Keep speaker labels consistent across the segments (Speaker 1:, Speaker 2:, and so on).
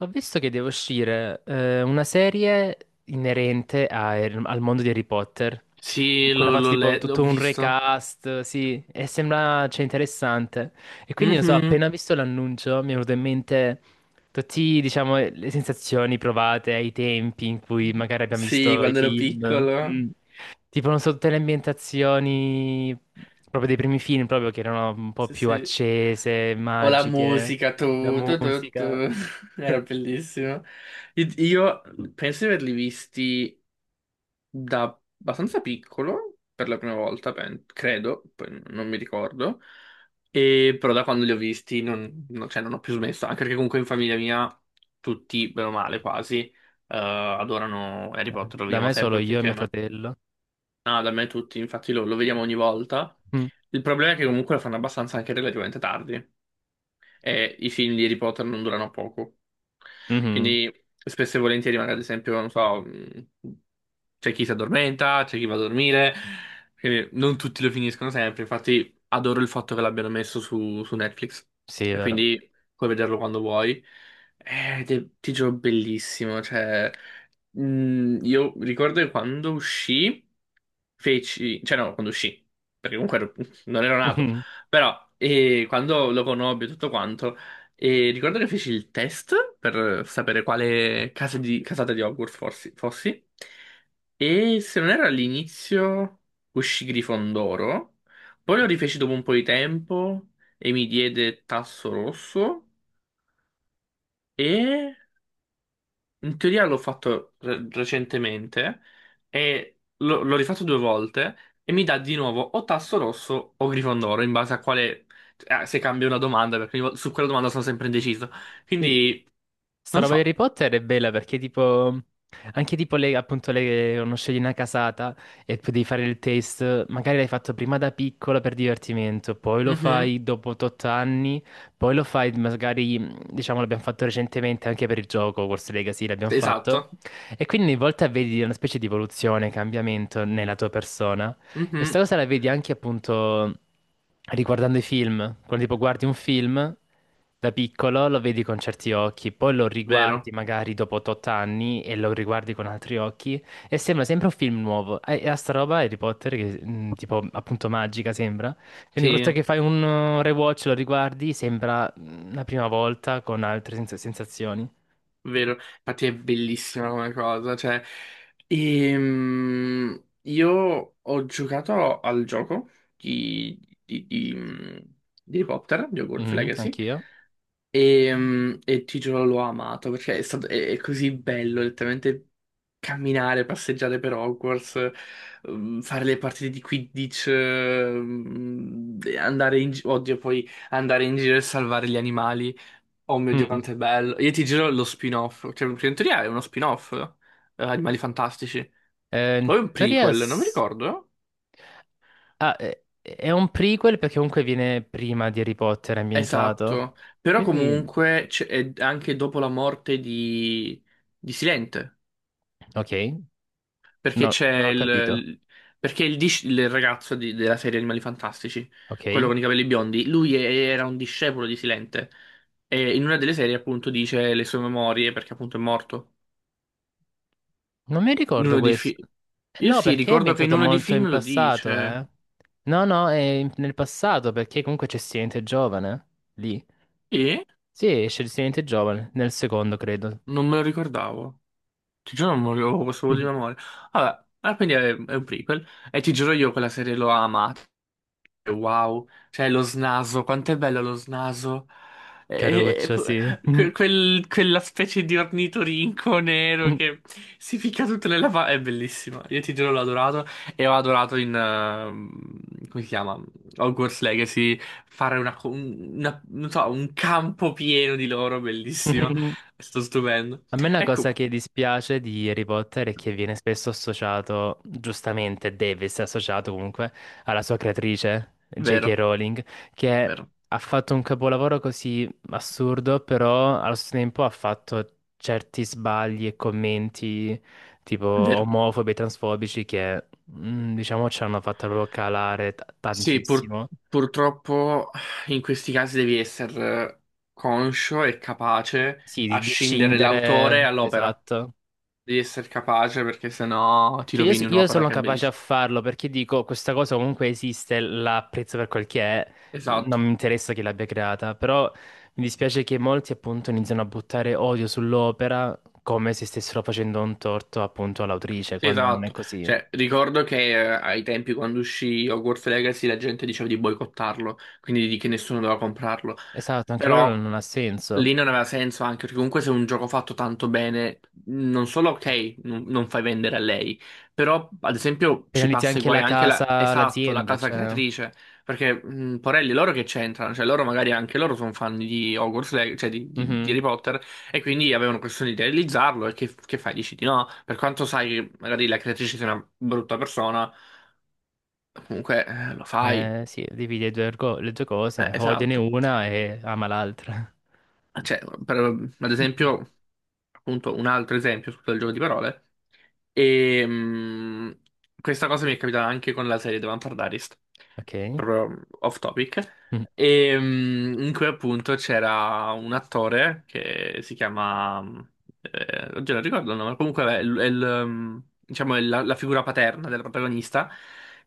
Speaker 1: Ho visto che deve uscire una serie inerente al mondo di Harry Potter, in
Speaker 2: Sì,
Speaker 1: cui hanno
Speaker 2: l'ho
Speaker 1: fatto
Speaker 2: l'ho
Speaker 1: tipo
Speaker 2: le- l'ho
Speaker 1: tutto un
Speaker 2: visto.
Speaker 1: recast, sì, e sembra, cioè, interessante. E quindi, non so,
Speaker 2: Mhm.
Speaker 1: appena visto l'annuncio mi è venuto in mente tutte, diciamo, le sensazioni provate ai tempi in cui magari abbiamo
Speaker 2: Sì,
Speaker 1: visto i
Speaker 2: quando ero
Speaker 1: film.
Speaker 2: piccolo.
Speaker 1: Mm. Tipo, non so, tutte le ambientazioni proprio dei primi film, proprio che erano un po'
Speaker 2: Sì,
Speaker 1: più
Speaker 2: sì.
Speaker 1: accese,
Speaker 2: O la
Speaker 1: magiche,
Speaker 2: musica,
Speaker 1: la
Speaker 2: tu, tu, tu, tu.
Speaker 1: musica.
Speaker 2: Era bellissimo. Io penso di averli visti da abbastanza piccolo, per la prima volta, credo, poi non mi ricordo. E però da quando li ho visti cioè, non ho più smesso, anche perché comunque in famiglia mia tutti, bene o male, quasi, adorano Harry Potter, lo
Speaker 1: Da
Speaker 2: vediamo
Speaker 1: me solo
Speaker 2: sempre tutti
Speaker 1: io e mio
Speaker 2: insieme.
Speaker 1: fratello.
Speaker 2: Ah, da me tutti, infatti lo vediamo ogni volta.
Speaker 1: Mm.
Speaker 2: Il problema è che comunque lo fanno abbastanza anche relativamente tardi e i film di Harry Potter non durano poco.
Speaker 1: Mhm.
Speaker 2: Quindi spesso e volentieri, magari ad esempio, non so, c'è chi si addormenta, c'è chi va a dormire, quindi non tutti lo finiscono sempre. Infatti, adoro il fatto che l'abbiano messo su Netflix
Speaker 1: Sì, è
Speaker 2: e
Speaker 1: vero.
Speaker 2: quindi puoi vederlo quando vuoi. Ed è, ti giuro, bellissimo. Cioè, io ricordo che quando uscì, feci, cioè, no, quando uscì, perché comunque non ero nato.
Speaker 1: Mhm.
Speaker 2: Però quando lo conobbi e tutto quanto, ricordo che feci il test per sapere quale casata di Hogwarts fossi. E se non erro all'inizio uscì Grifondoro, poi lo rifeci dopo un po' di tempo e mi diede Tasso Rosso. E in teoria l'ho fatto recentemente e l'ho rifatto due volte e mi dà di nuovo o tasso rosso o Grifondoro in base a quale... se cambia una domanda, perché su quella domanda sono sempre indeciso.
Speaker 1: Sì.
Speaker 2: Quindi,
Speaker 1: Sta
Speaker 2: non
Speaker 1: roba di
Speaker 2: so.
Speaker 1: Harry Potter è bella perché tipo. Anche tipo le, appunto le, uno scegli una casata e poi devi fare il test, magari l'hai fatto prima da piccolo per divertimento, poi lo
Speaker 2: Mhm.
Speaker 1: fai dopo 8 anni, poi lo fai magari, diciamo, l'abbiamo fatto recentemente anche per il gioco, Hogwarts Legacy l'abbiamo
Speaker 2: Esatto.
Speaker 1: fatto, e quindi ogni volta vedi una specie di evoluzione, cambiamento nella tua persona. E
Speaker 2: Mhm.
Speaker 1: sta cosa la vedi anche appunto riguardando i film. Quando tipo guardi un film da piccolo lo vedi con certi occhi, poi lo riguardi
Speaker 2: Vero.
Speaker 1: magari dopo 8 anni e lo riguardi con altri occhi e sembra sempre un film nuovo. E a sta roba Harry Potter che tipo appunto magica sembra. Quindi ogni
Speaker 2: Sì,
Speaker 1: volta che fai un rewatch lo riguardi sembra la prima volta con altre sensazioni.
Speaker 2: vero. Infatti è bellissima come cosa. Cioè, io ho giocato al gioco di, di, di, di Harry Potter, di Hogwarts
Speaker 1: Mhm,
Speaker 2: Legacy.
Speaker 1: anch'io.
Speaker 2: E ti giuro, l'ho amato perché è stato, è così bello letteralmente camminare, passeggiare per Hogwarts, fare le partite di Quidditch, e andare in giro, oddio, poi andare in giro e salvare gli animali. Oh mio Dio,
Speaker 1: Mm.
Speaker 2: quanto è bello! Io ti giuro lo spin-off, cioè, perché in teoria è uno spin-off, Animali Fantastici.
Speaker 1: Eh, in
Speaker 2: O è un
Speaker 1: teoria
Speaker 2: prequel, non mi
Speaker 1: s-
Speaker 2: ricordo.
Speaker 1: Ah, è un prequel perché comunque viene prima di Harry Potter ambientato.
Speaker 2: Esatto, però
Speaker 1: Quindi,
Speaker 2: comunque è anche dopo la morte di Silente.
Speaker 1: ok,
Speaker 2: Perché
Speaker 1: no,
Speaker 2: c'è
Speaker 1: non ho capito.
Speaker 2: il. Perché il ragazzo della serie Animali Fantastici, quello
Speaker 1: Ok,
Speaker 2: con i capelli biondi, lui era un discepolo di Silente. E in una delle serie, appunto, dice le sue memorie perché, appunto, è morto.
Speaker 1: non mi
Speaker 2: In
Speaker 1: ricordo
Speaker 2: uno dei film.
Speaker 1: questo.
Speaker 2: Io
Speaker 1: No,
Speaker 2: sì,
Speaker 1: perché è
Speaker 2: ricordo che in
Speaker 1: ambientato
Speaker 2: uno dei
Speaker 1: molto in
Speaker 2: film lo
Speaker 1: passato,
Speaker 2: dice.
Speaker 1: eh? No, no, è nel passato perché comunque c'è Silente Giovane lì.
Speaker 2: E
Speaker 1: Sì, esce il Silente Giovane nel secondo, credo.
Speaker 2: non me lo ricordavo. Ti giuro, non me lo- avevo questo vuoto di memoria. Vabbè, ah, quindi è un prequel. E ti giuro, io quella serie l'ho amata. Wow, cioè lo snaso, quanto è bello lo snaso. E- e-
Speaker 1: Caruccia, sì.
Speaker 2: quella specie di ornitorinco nero che si ficca tutto nella fa... È bellissimo, io ti giuro l'ho adorato e ho adorato in... come si chiama? Hogwarts Legacy, fare una, co- un- una- non so, un campo pieno di loro, bellissimo. È stato stupendo.
Speaker 1: A me una
Speaker 2: Ecco,
Speaker 1: cosa che dispiace di Harry Potter è che viene spesso associato, giustamente deve essere associato comunque, alla sua creatrice, J.K.
Speaker 2: vero,
Speaker 1: Rowling, che
Speaker 2: vero,
Speaker 1: ha fatto un capolavoro così assurdo, però allo stesso tempo ha fatto certi sbagli e commenti tipo
Speaker 2: vero.
Speaker 1: omofobi e transfobici che, diciamo, ci hanno fatto proprio calare
Speaker 2: Sì,
Speaker 1: tantissimo.
Speaker 2: purtroppo in questi casi devi essere conscio e capace
Speaker 1: Sì,
Speaker 2: a
Speaker 1: di
Speaker 2: scindere l'autore
Speaker 1: scindere,
Speaker 2: all'opera.
Speaker 1: esatto.
Speaker 2: Devi essere capace perché sennò ti
Speaker 1: Cioè, io, so-
Speaker 2: rovini
Speaker 1: io
Speaker 2: un'opera
Speaker 1: sono
Speaker 2: che è
Speaker 1: capace a
Speaker 2: bellissima.
Speaker 1: farlo perché dico questa cosa comunque esiste, la apprezzo per quel che è, non
Speaker 2: Esatto.
Speaker 1: mi interessa chi l'abbia creata, però mi dispiace che molti appunto iniziano a buttare odio sull'opera come se stessero facendo un torto appunto all'autrice,
Speaker 2: Sì,
Speaker 1: quando non è
Speaker 2: esatto.
Speaker 1: così.
Speaker 2: Cioè, ricordo che ai tempi quando uscì Hogwarts Legacy la gente diceva di boicottarlo, quindi di che nessuno doveva comprarlo.
Speaker 1: Esatto, anche quello non
Speaker 2: Però
Speaker 1: non ha senso.
Speaker 2: lì non aveva senso anche, perché comunque se è un gioco fatto tanto bene, non solo ok, non fai vendere a lei, però ad esempio ci
Speaker 1: Penalizzi
Speaker 2: passa i
Speaker 1: anche
Speaker 2: guai
Speaker 1: la
Speaker 2: anche la,
Speaker 1: casa,
Speaker 2: esatto, la
Speaker 1: l'azienda,
Speaker 2: casa
Speaker 1: cioè.
Speaker 2: creatrice, perché Porelli, loro che c'entrano? Cioè loro magari anche loro sono fan di Hogwarts Legacy, cioè di
Speaker 1: Mhm.
Speaker 2: Harry Potter, e quindi avevano questione di realizzarlo, e che fai? Dici di no? Per quanto sai magari la creatrice sia una brutta persona, comunque lo fai.
Speaker 1: Sì, dividi le due, le due cose, odiane
Speaker 2: Esatto.
Speaker 1: una e ama l'altra.
Speaker 2: Ah, cioè, ad esempio, appunto, un altro esempio, scusa il gioco di parole, e mh, questa cosa mi è capitata anche con la serie The Vampire Diaries,
Speaker 1: Ok.
Speaker 2: proprio off topic,
Speaker 1: Mm,
Speaker 2: in cui appunto c'era un attore che si chiama, oggi non ricordo il nome, comunque vabbè, è, diciamo, è la figura paterna della protagonista,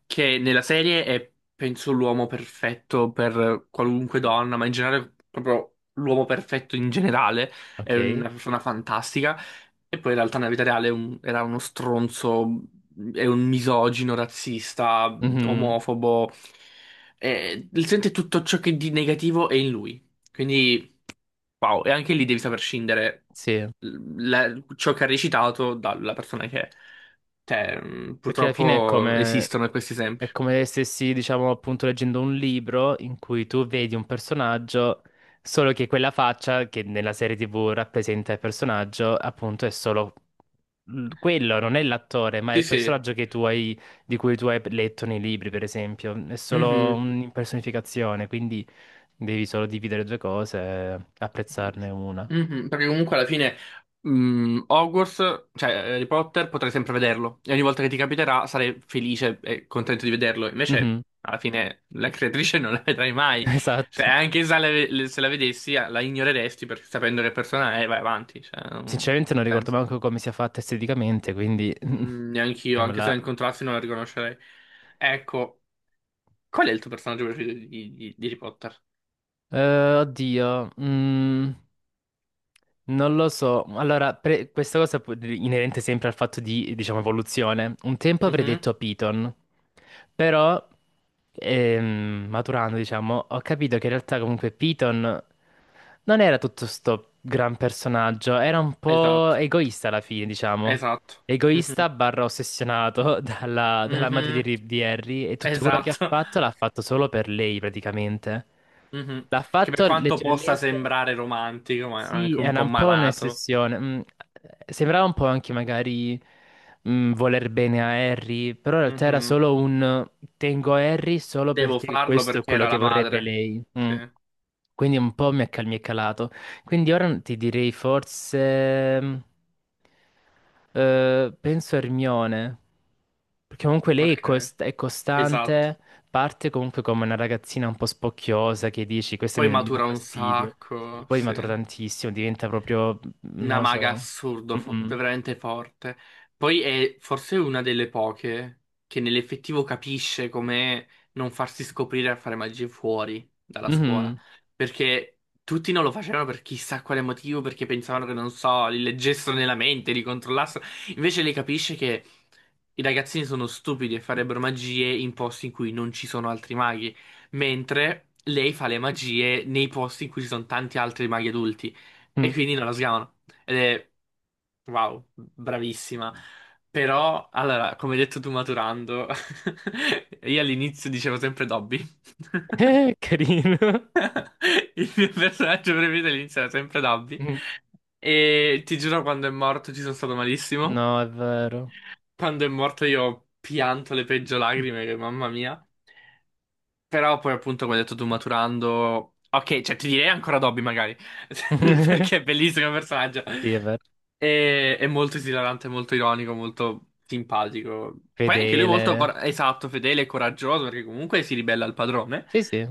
Speaker 2: che nella serie è, penso, l'uomo perfetto per qualunque donna, ma in generale proprio l'uomo perfetto in generale, è
Speaker 1: ok.
Speaker 2: una persona fantastica, e poi in realtà nella vita reale era uno stronzo, è un misogino, razzista,
Speaker 1: Mhm.
Speaker 2: omofobo, e sente tutto ciò che di negativo è in lui. Quindi, wow, e anche lì devi saper scindere
Speaker 1: Sì,
Speaker 2: ciò che ha recitato dalla persona che è. Cioè,
Speaker 1: perché alla fine
Speaker 2: purtroppo esistono questi esempi.
Speaker 1: è come se stessi, diciamo, appunto leggendo un libro in cui tu vedi un personaggio, solo che quella faccia che nella serie TV rappresenta il personaggio, appunto, è solo quello, non è l'attore, ma è
Speaker 2: Sì,
Speaker 1: il
Speaker 2: sì.
Speaker 1: personaggio che tu hai, di cui tu hai letto nei libri, per esempio. È solo
Speaker 2: Mhm.
Speaker 1: un'impersonificazione, quindi devi solo dividere due cose e apprezzarne una.
Speaker 2: Mhm, perché comunque alla fine Hogwarts, cioè Harry Potter, potrai sempre vederlo e ogni volta che ti capiterà sarai felice e contento di vederlo. Invece,
Speaker 1: Mhm.
Speaker 2: alla fine, la creatrice non la vedrai mai. Cioè,
Speaker 1: Esatto.
Speaker 2: anche se la vedessi, ah, la ignoreresti perché sapendo che persona è, vai avanti. Cioè, non
Speaker 1: Sinceramente
Speaker 2: ha
Speaker 1: non ricordo
Speaker 2: senso.
Speaker 1: manco come sia fatta esteticamente, quindi.
Speaker 2: Mm, neanche io, anche se
Speaker 1: Sembra-
Speaker 2: la incontrassi, non la riconoscerei. Ecco, qual è il tuo personaggio preferito di Harry Potter?
Speaker 1: Oddio, non lo so, allora questa cosa inerente sempre al fatto di, diciamo, evoluzione. Un tempo avrei
Speaker 2: Mhm,
Speaker 1: detto Python, però maturando, diciamo, ho capito che in realtà comunque Python non era tutto sto gran personaggio, era un po'
Speaker 2: esatto,
Speaker 1: egoista alla fine, diciamo.
Speaker 2: esatto. Mhm,
Speaker 1: Egoista barra ossessionato dalla madre di,
Speaker 2: mhm,
Speaker 1: Ri- di Harry e tutto quello che ha
Speaker 2: esatto.
Speaker 1: fatto l'ha fatto solo per lei praticamente.
Speaker 2: Mhm.
Speaker 1: L'ha
Speaker 2: Che per
Speaker 1: fatto
Speaker 2: quanto possa
Speaker 1: leggermente.
Speaker 2: sembrare romantico, ma è
Speaker 1: Sì,
Speaker 2: anche un
Speaker 1: era
Speaker 2: po'
Speaker 1: un po'
Speaker 2: malato.
Speaker 1: un'ossessione. Sembrava un po' anche magari voler bene a Harry, però in realtà era
Speaker 2: Mhm.
Speaker 1: solo un tengo Harry solo
Speaker 2: Devo
Speaker 1: perché
Speaker 2: farlo
Speaker 1: questo è
Speaker 2: perché
Speaker 1: quello
Speaker 2: era
Speaker 1: che
Speaker 2: la
Speaker 1: vorrebbe
Speaker 2: madre.
Speaker 1: lei.
Speaker 2: Sì,
Speaker 1: Mm. Quindi un po' mi è calato. Quindi ora ti direi forse, penso Hermione. Perché comunque lei è,
Speaker 2: ok,
Speaker 1: cos- è
Speaker 2: esatto.
Speaker 1: costante, parte comunque come una ragazzina un po' spocchiosa che dici, questa
Speaker 2: Poi
Speaker 1: mi dà
Speaker 2: matura un
Speaker 1: fastidio. Sì,
Speaker 2: sacco,
Speaker 1: poi
Speaker 2: sì.
Speaker 1: matura tantissimo, diventa proprio, non
Speaker 2: Una
Speaker 1: lo
Speaker 2: maga
Speaker 1: so.
Speaker 2: assurdo,
Speaker 1: Mhm.
Speaker 2: veramente forte. Poi è forse una delle poche che nell'effettivo capisce come non farsi scoprire a fare magie fuori dalla scuola.
Speaker 1: Mhm.
Speaker 2: Perché tutti non lo facevano per chissà quale motivo, perché pensavano che, non so, li leggessero nella mente, li controllassero. Invece lei capisce che i ragazzini sono stupidi e farebbero magie in posti in cui non ci sono altri maghi. Mentre lei fa le magie nei posti in cui ci sono tanti altri maghi adulti. E
Speaker 1: Mm.
Speaker 2: quindi non la sgamano. Ed è, wow, bravissima. Però, allora, come hai detto tu maturando, io all'inizio dicevo sempre Dobby.
Speaker 1: Carino.
Speaker 2: Il mio personaggio preferito all'inizio era sempre Dobby.
Speaker 1: Mm.
Speaker 2: E ti giuro, quando è morto ci sono stato malissimo.
Speaker 1: No, è vero.
Speaker 2: Quando è morto io ho pianto le peggio lacrime, che mamma mia. Però poi appunto come hai detto tu maturando... Ok, cioè ti direi ancora Dobby magari, perché è bellissimo il personaggio.
Speaker 1: Sì, è vero.
Speaker 2: È, molto esilarante, molto ironico, molto simpatico. Poi anche lui molto,
Speaker 1: Fedele.
Speaker 2: esatto, fedele e coraggioso, perché comunque si ribella al padrone.
Speaker 1: Sì, sì.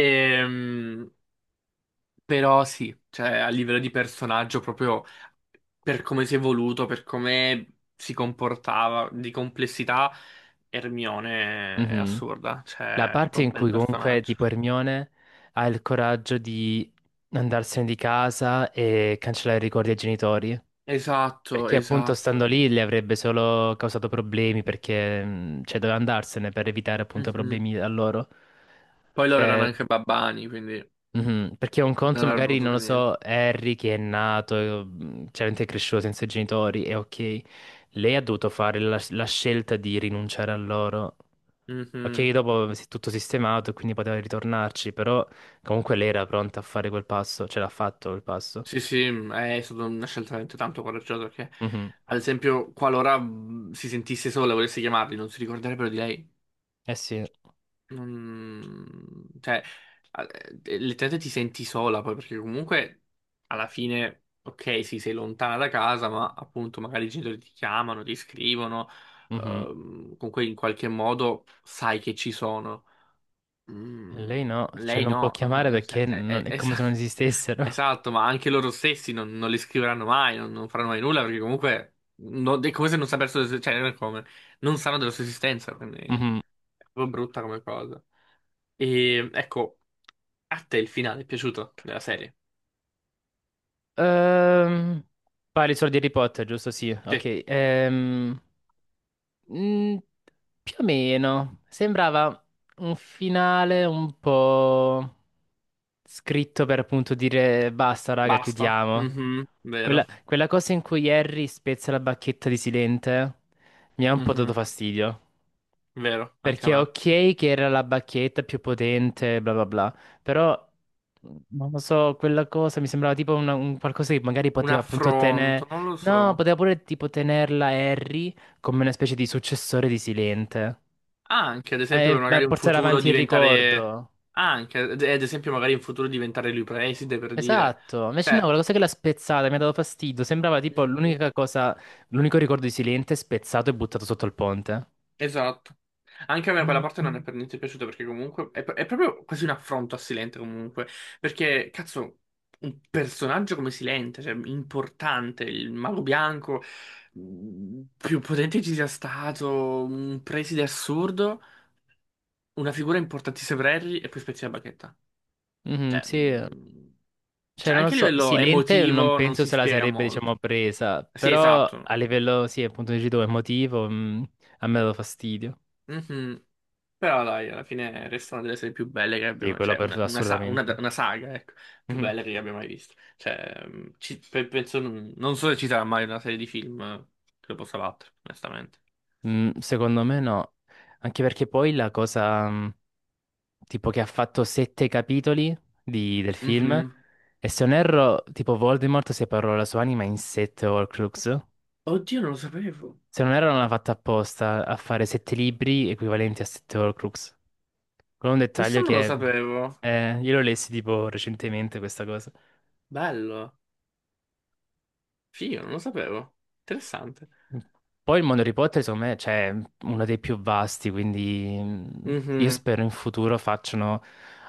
Speaker 2: Ehm, però sì, cioè a livello di personaggio, proprio per come si è evoluto, per come si comportava, di complessità, Hermione è
Speaker 1: Mhm.
Speaker 2: assurda,
Speaker 1: La
Speaker 2: cioè è
Speaker 1: parte
Speaker 2: proprio
Speaker 1: in
Speaker 2: un bel
Speaker 1: cui comunque
Speaker 2: personaggio.
Speaker 1: tipo Hermione ha il coraggio di andarsene di casa e cancellare i ricordi ai genitori.
Speaker 2: Esatto,
Speaker 1: Perché appunto stando
Speaker 2: esatto.
Speaker 1: lì le avrebbe solo causato problemi perché cioè, doveva andarsene per evitare appunto
Speaker 2: Mhm.
Speaker 1: problemi a loro.
Speaker 2: Poi loro erano
Speaker 1: Cioè,
Speaker 2: anche babbani, quindi
Speaker 1: mhm, perché un conto
Speaker 2: non avrebbero
Speaker 1: magari,
Speaker 2: potuto
Speaker 1: non lo
Speaker 2: fare niente.
Speaker 1: so, Harry che è nato, chiaramente è cresciuto senza i genitori, e ok, lei ha dovuto fare la scelta di rinunciare a loro.
Speaker 2: Mhm.
Speaker 1: Ok, dopo si è tutto sistemato e quindi poteva ritornarci, però comunque lei era pronta a fare quel passo, ce l'ha fatto quel passo.
Speaker 2: Sì, sì, è stata una scelta veramente tanto coraggiosa perché,
Speaker 1: Mhm,
Speaker 2: ad esempio, qualora si sentisse sola e volesse chiamarli, non si ricorderebbero di lei.
Speaker 1: eh sì.
Speaker 2: Non... Cioè, letteralmente ti senti sola poi perché comunque alla fine, ok, sì, sei lontana da casa, ma appunto magari i genitori ti chiamano, ti scrivono,
Speaker 1: Mhm.
Speaker 2: comunque in qualche modo sai che ci sono.
Speaker 1: Lei
Speaker 2: Mm,
Speaker 1: no, cioè
Speaker 2: lei
Speaker 1: non può
Speaker 2: no,
Speaker 1: chiamare perché
Speaker 2: Eh, eh,
Speaker 1: è
Speaker 2: es-
Speaker 1: come se non esistessero.
Speaker 2: esatto, ma anche loro stessi non li scriveranno mai, non faranno mai nulla perché comunque è come se non sapessero, cioè non è come, non sanno della sua esistenza, quindi è
Speaker 1: Mhm.
Speaker 2: proprio brutta come cosa. E ecco, a te il finale è piaciuto della serie?
Speaker 1: Ehm, parli solo di Harry Potter, giusto? Sì,
Speaker 2: Sì,
Speaker 1: ok. Mm, più o meno, sembrava un finale un po' scritto per appunto dire basta, raga,
Speaker 2: basta,
Speaker 1: chiudiamo. Quella cosa in cui Harry spezza la bacchetta di Silente mi ha un po'
Speaker 2: Mhm,
Speaker 1: dato fastidio.
Speaker 2: vero, anche a
Speaker 1: Perché
Speaker 2: me.
Speaker 1: ok che era la bacchetta più potente, bla bla bla, però non lo so, quella cosa mi sembrava tipo un qualcosa che magari
Speaker 2: Un
Speaker 1: poteva appunto
Speaker 2: affronto,
Speaker 1: tenere,
Speaker 2: non lo
Speaker 1: no,
Speaker 2: so.
Speaker 1: poteva pure tipo tenerla Harry come una specie di successore di Silente.
Speaker 2: Anche, ad esempio, per
Speaker 1: E
Speaker 2: magari
Speaker 1: per
Speaker 2: un
Speaker 1: portare
Speaker 2: futuro
Speaker 1: avanti il
Speaker 2: diventare...
Speaker 1: ricordo.
Speaker 2: Anche, ad esempio, magari in futuro diventare lui preside, per dire.
Speaker 1: Esatto, invece no,
Speaker 2: Cioè,
Speaker 1: quella cosa che l'ha spezzata mi ha dato fastidio, sembrava tipo
Speaker 2: mhm,
Speaker 1: l'unica cosa, l'unico ricordo di Silente spezzato e buttato sotto il ponte.
Speaker 2: esatto. Anche a me quella parte non è per niente piaciuta, perché comunque è proprio quasi un affronto a Silente, comunque. Perché, cazzo, un personaggio come Silente, cioè, importante, il mago bianco, più potente ci sia stato, un preside assurdo, una figura importantissima per Harry, e poi spezzi la bacchetta.
Speaker 1: Mhm,
Speaker 2: Cioè,
Speaker 1: sì.
Speaker 2: mh,
Speaker 1: Cioè,
Speaker 2: cioè,
Speaker 1: non lo
Speaker 2: anche a
Speaker 1: so,
Speaker 2: livello
Speaker 1: Silente non
Speaker 2: emotivo non
Speaker 1: penso
Speaker 2: si
Speaker 1: se la
Speaker 2: spiega
Speaker 1: sarebbe, diciamo,
Speaker 2: molto.
Speaker 1: presa,
Speaker 2: Sì,
Speaker 1: però a
Speaker 2: esatto.
Speaker 1: livello, sì, appunto, dici tu, emotivo, a me ha dato fastidio.
Speaker 2: Mhm. Però dai, alla fine resta una delle serie più belle che
Speaker 1: Sì,
Speaker 2: abbiamo,
Speaker 1: quello
Speaker 2: cioè
Speaker 1: per
Speaker 2: una, una sa- una-
Speaker 1: assolutamente.
Speaker 2: una saga, ecco, più
Speaker 1: Mhm.
Speaker 2: bella che abbia mai visto. Cioè, penso, non so se ci sarà mai una serie di film che lo possa battere, onestamente.
Speaker 1: Mm, secondo me no, anche perché poi la cosa, tipo, che ha fatto sette capitoli del film,
Speaker 2: Mhm.
Speaker 1: e se non erro, tipo, Voldemort separò la sua anima in sette Horcrux.
Speaker 2: Oddio, non lo sapevo.
Speaker 1: Se non erro, non l'ha fatta apposta a fare sette libri equivalenti a sette Horcrux. Con un
Speaker 2: Questo
Speaker 1: dettaglio
Speaker 2: non lo
Speaker 1: che
Speaker 2: sapevo.
Speaker 1: io lo lessi tipo recentemente questa cosa.
Speaker 2: Bello. Figo, non lo sapevo. Interessante.
Speaker 1: Poi il mondo Harry Potter, secondo me, cioè, è uno dei più vasti, quindi io
Speaker 2: Mhm.
Speaker 1: spero in futuro facciano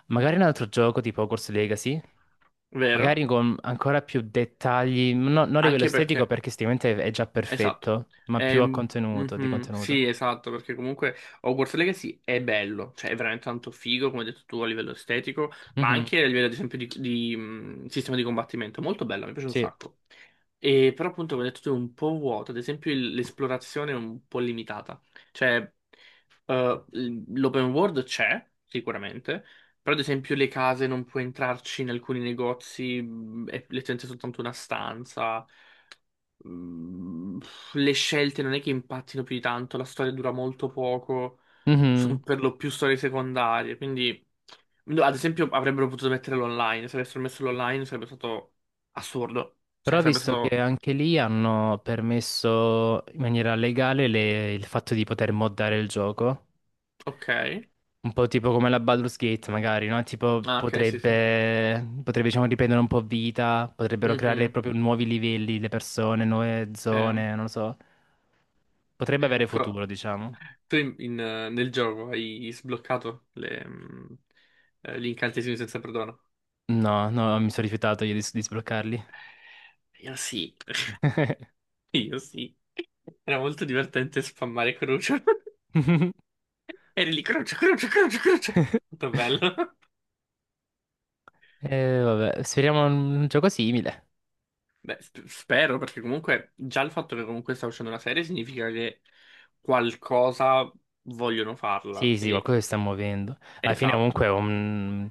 Speaker 1: magari un altro gioco tipo Hogwarts Legacy,
Speaker 2: Vero?
Speaker 1: magari con ancora più dettagli, non a livello
Speaker 2: Anche
Speaker 1: estetico
Speaker 2: perché...
Speaker 1: perché sicuramente è già
Speaker 2: Esatto.
Speaker 1: perfetto, ma più a contenuto, di
Speaker 2: Mhm,
Speaker 1: contenuto.
Speaker 2: sì, esatto, perché comunque Hogwarts Legacy è bello, cioè è veramente tanto figo, come hai detto tu, a livello estetico, ma
Speaker 1: Mhm,
Speaker 2: anche a livello, ad esempio, sistema di combattimento. Molto bello, mi piace un
Speaker 1: sì.
Speaker 2: sacco. E, però, appunto, come hai detto tu, è un po' vuoto, ad esempio, l'esplorazione è un po' limitata. Cioè, l'open world c'è, sicuramente, però, ad esempio, le case non puoi entrarci in alcuni negozi, è letteralmente soltanto una stanza. Mm, le scelte non è che impattino più di tanto, la storia dura molto poco, sono
Speaker 1: Mhm.
Speaker 2: per lo più storie secondarie, quindi no, ad esempio avrebbero potuto metterlo online, se avessero messo l'online sarebbe stato assurdo, cioè
Speaker 1: Però ho
Speaker 2: sarebbe
Speaker 1: visto che
Speaker 2: stato
Speaker 1: anche lì hanno permesso in maniera legale il fatto di poter moddare il gioco.
Speaker 2: ok.
Speaker 1: Un po' tipo come la Baldur's Gate, magari, no? Tipo,
Speaker 2: Ah, ok, sì, sì.
Speaker 1: potrebbe, diciamo, riprendere un po' vita, potrebbero creare
Speaker 2: Mhm,
Speaker 1: proprio nuovi livelli, le persone, nuove
Speaker 2: eh.
Speaker 1: zone, non lo so. Potrebbe avere
Speaker 2: Ecco,
Speaker 1: futuro, diciamo.
Speaker 2: tu nel gioco hai sbloccato gli incantesimi senza perdono.
Speaker 1: No, no, mi sono rifiutato io di sbloccarli.
Speaker 2: Io sì, io sì. Era molto divertente spammare Crucio. Eri lì, croce, croce, croce, croce. Molto bello.
Speaker 1: Vabbè, speriamo un gioco simile.
Speaker 2: Beh, spero, perché comunque già il fatto che comunque sta uscendo una serie significa che qualcosa vogliono farla.
Speaker 1: Sì, sì,
Speaker 2: Quindi,
Speaker 1: qualcosa si sta muovendo. Alla fine
Speaker 2: esatto,
Speaker 1: comunque è un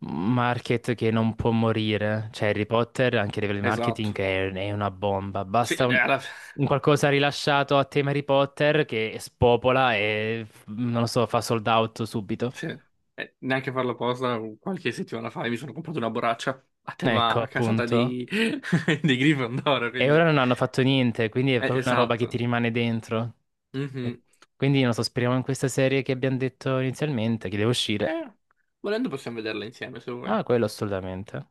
Speaker 1: market che non può morire. Cioè, Harry Potter, anche a livello di marketing,
Speaker 2: esatto.
Speaker 1: è una bomba.
Speaker 2: Sì,
Speaker 1: Basta un qualcosa rilasciato a tema Harry Potter che spopola e, non lo so, fa sold out subito.
Speaker 2: sì. Neanche farlo apposta, qualche settimana fa mi sono comprato una borraccia a
Speaker 1: Ecco,
Speaker 2: tema casata
Speaker 1: appunto.
Speaker 2: di, di Gryffindor,
Speaker 1: E ora
Speaker 2: quindi...
Speaker 1: non hanno fatto niente, quindi è proprio una roba che ti
Speaker 2: Esatto.
Speaker 1: rimane dentro. E
Speaker 2: Mhm.
Speaker 1: quindi, non so, speriamo in questa serie che abbiamo detto inizialmente, che deve uscire.
Speaker 2: Eh, volendo possiamo vederla insieme, se vuoi.
Speaker 1: Ah, quello assolutamente.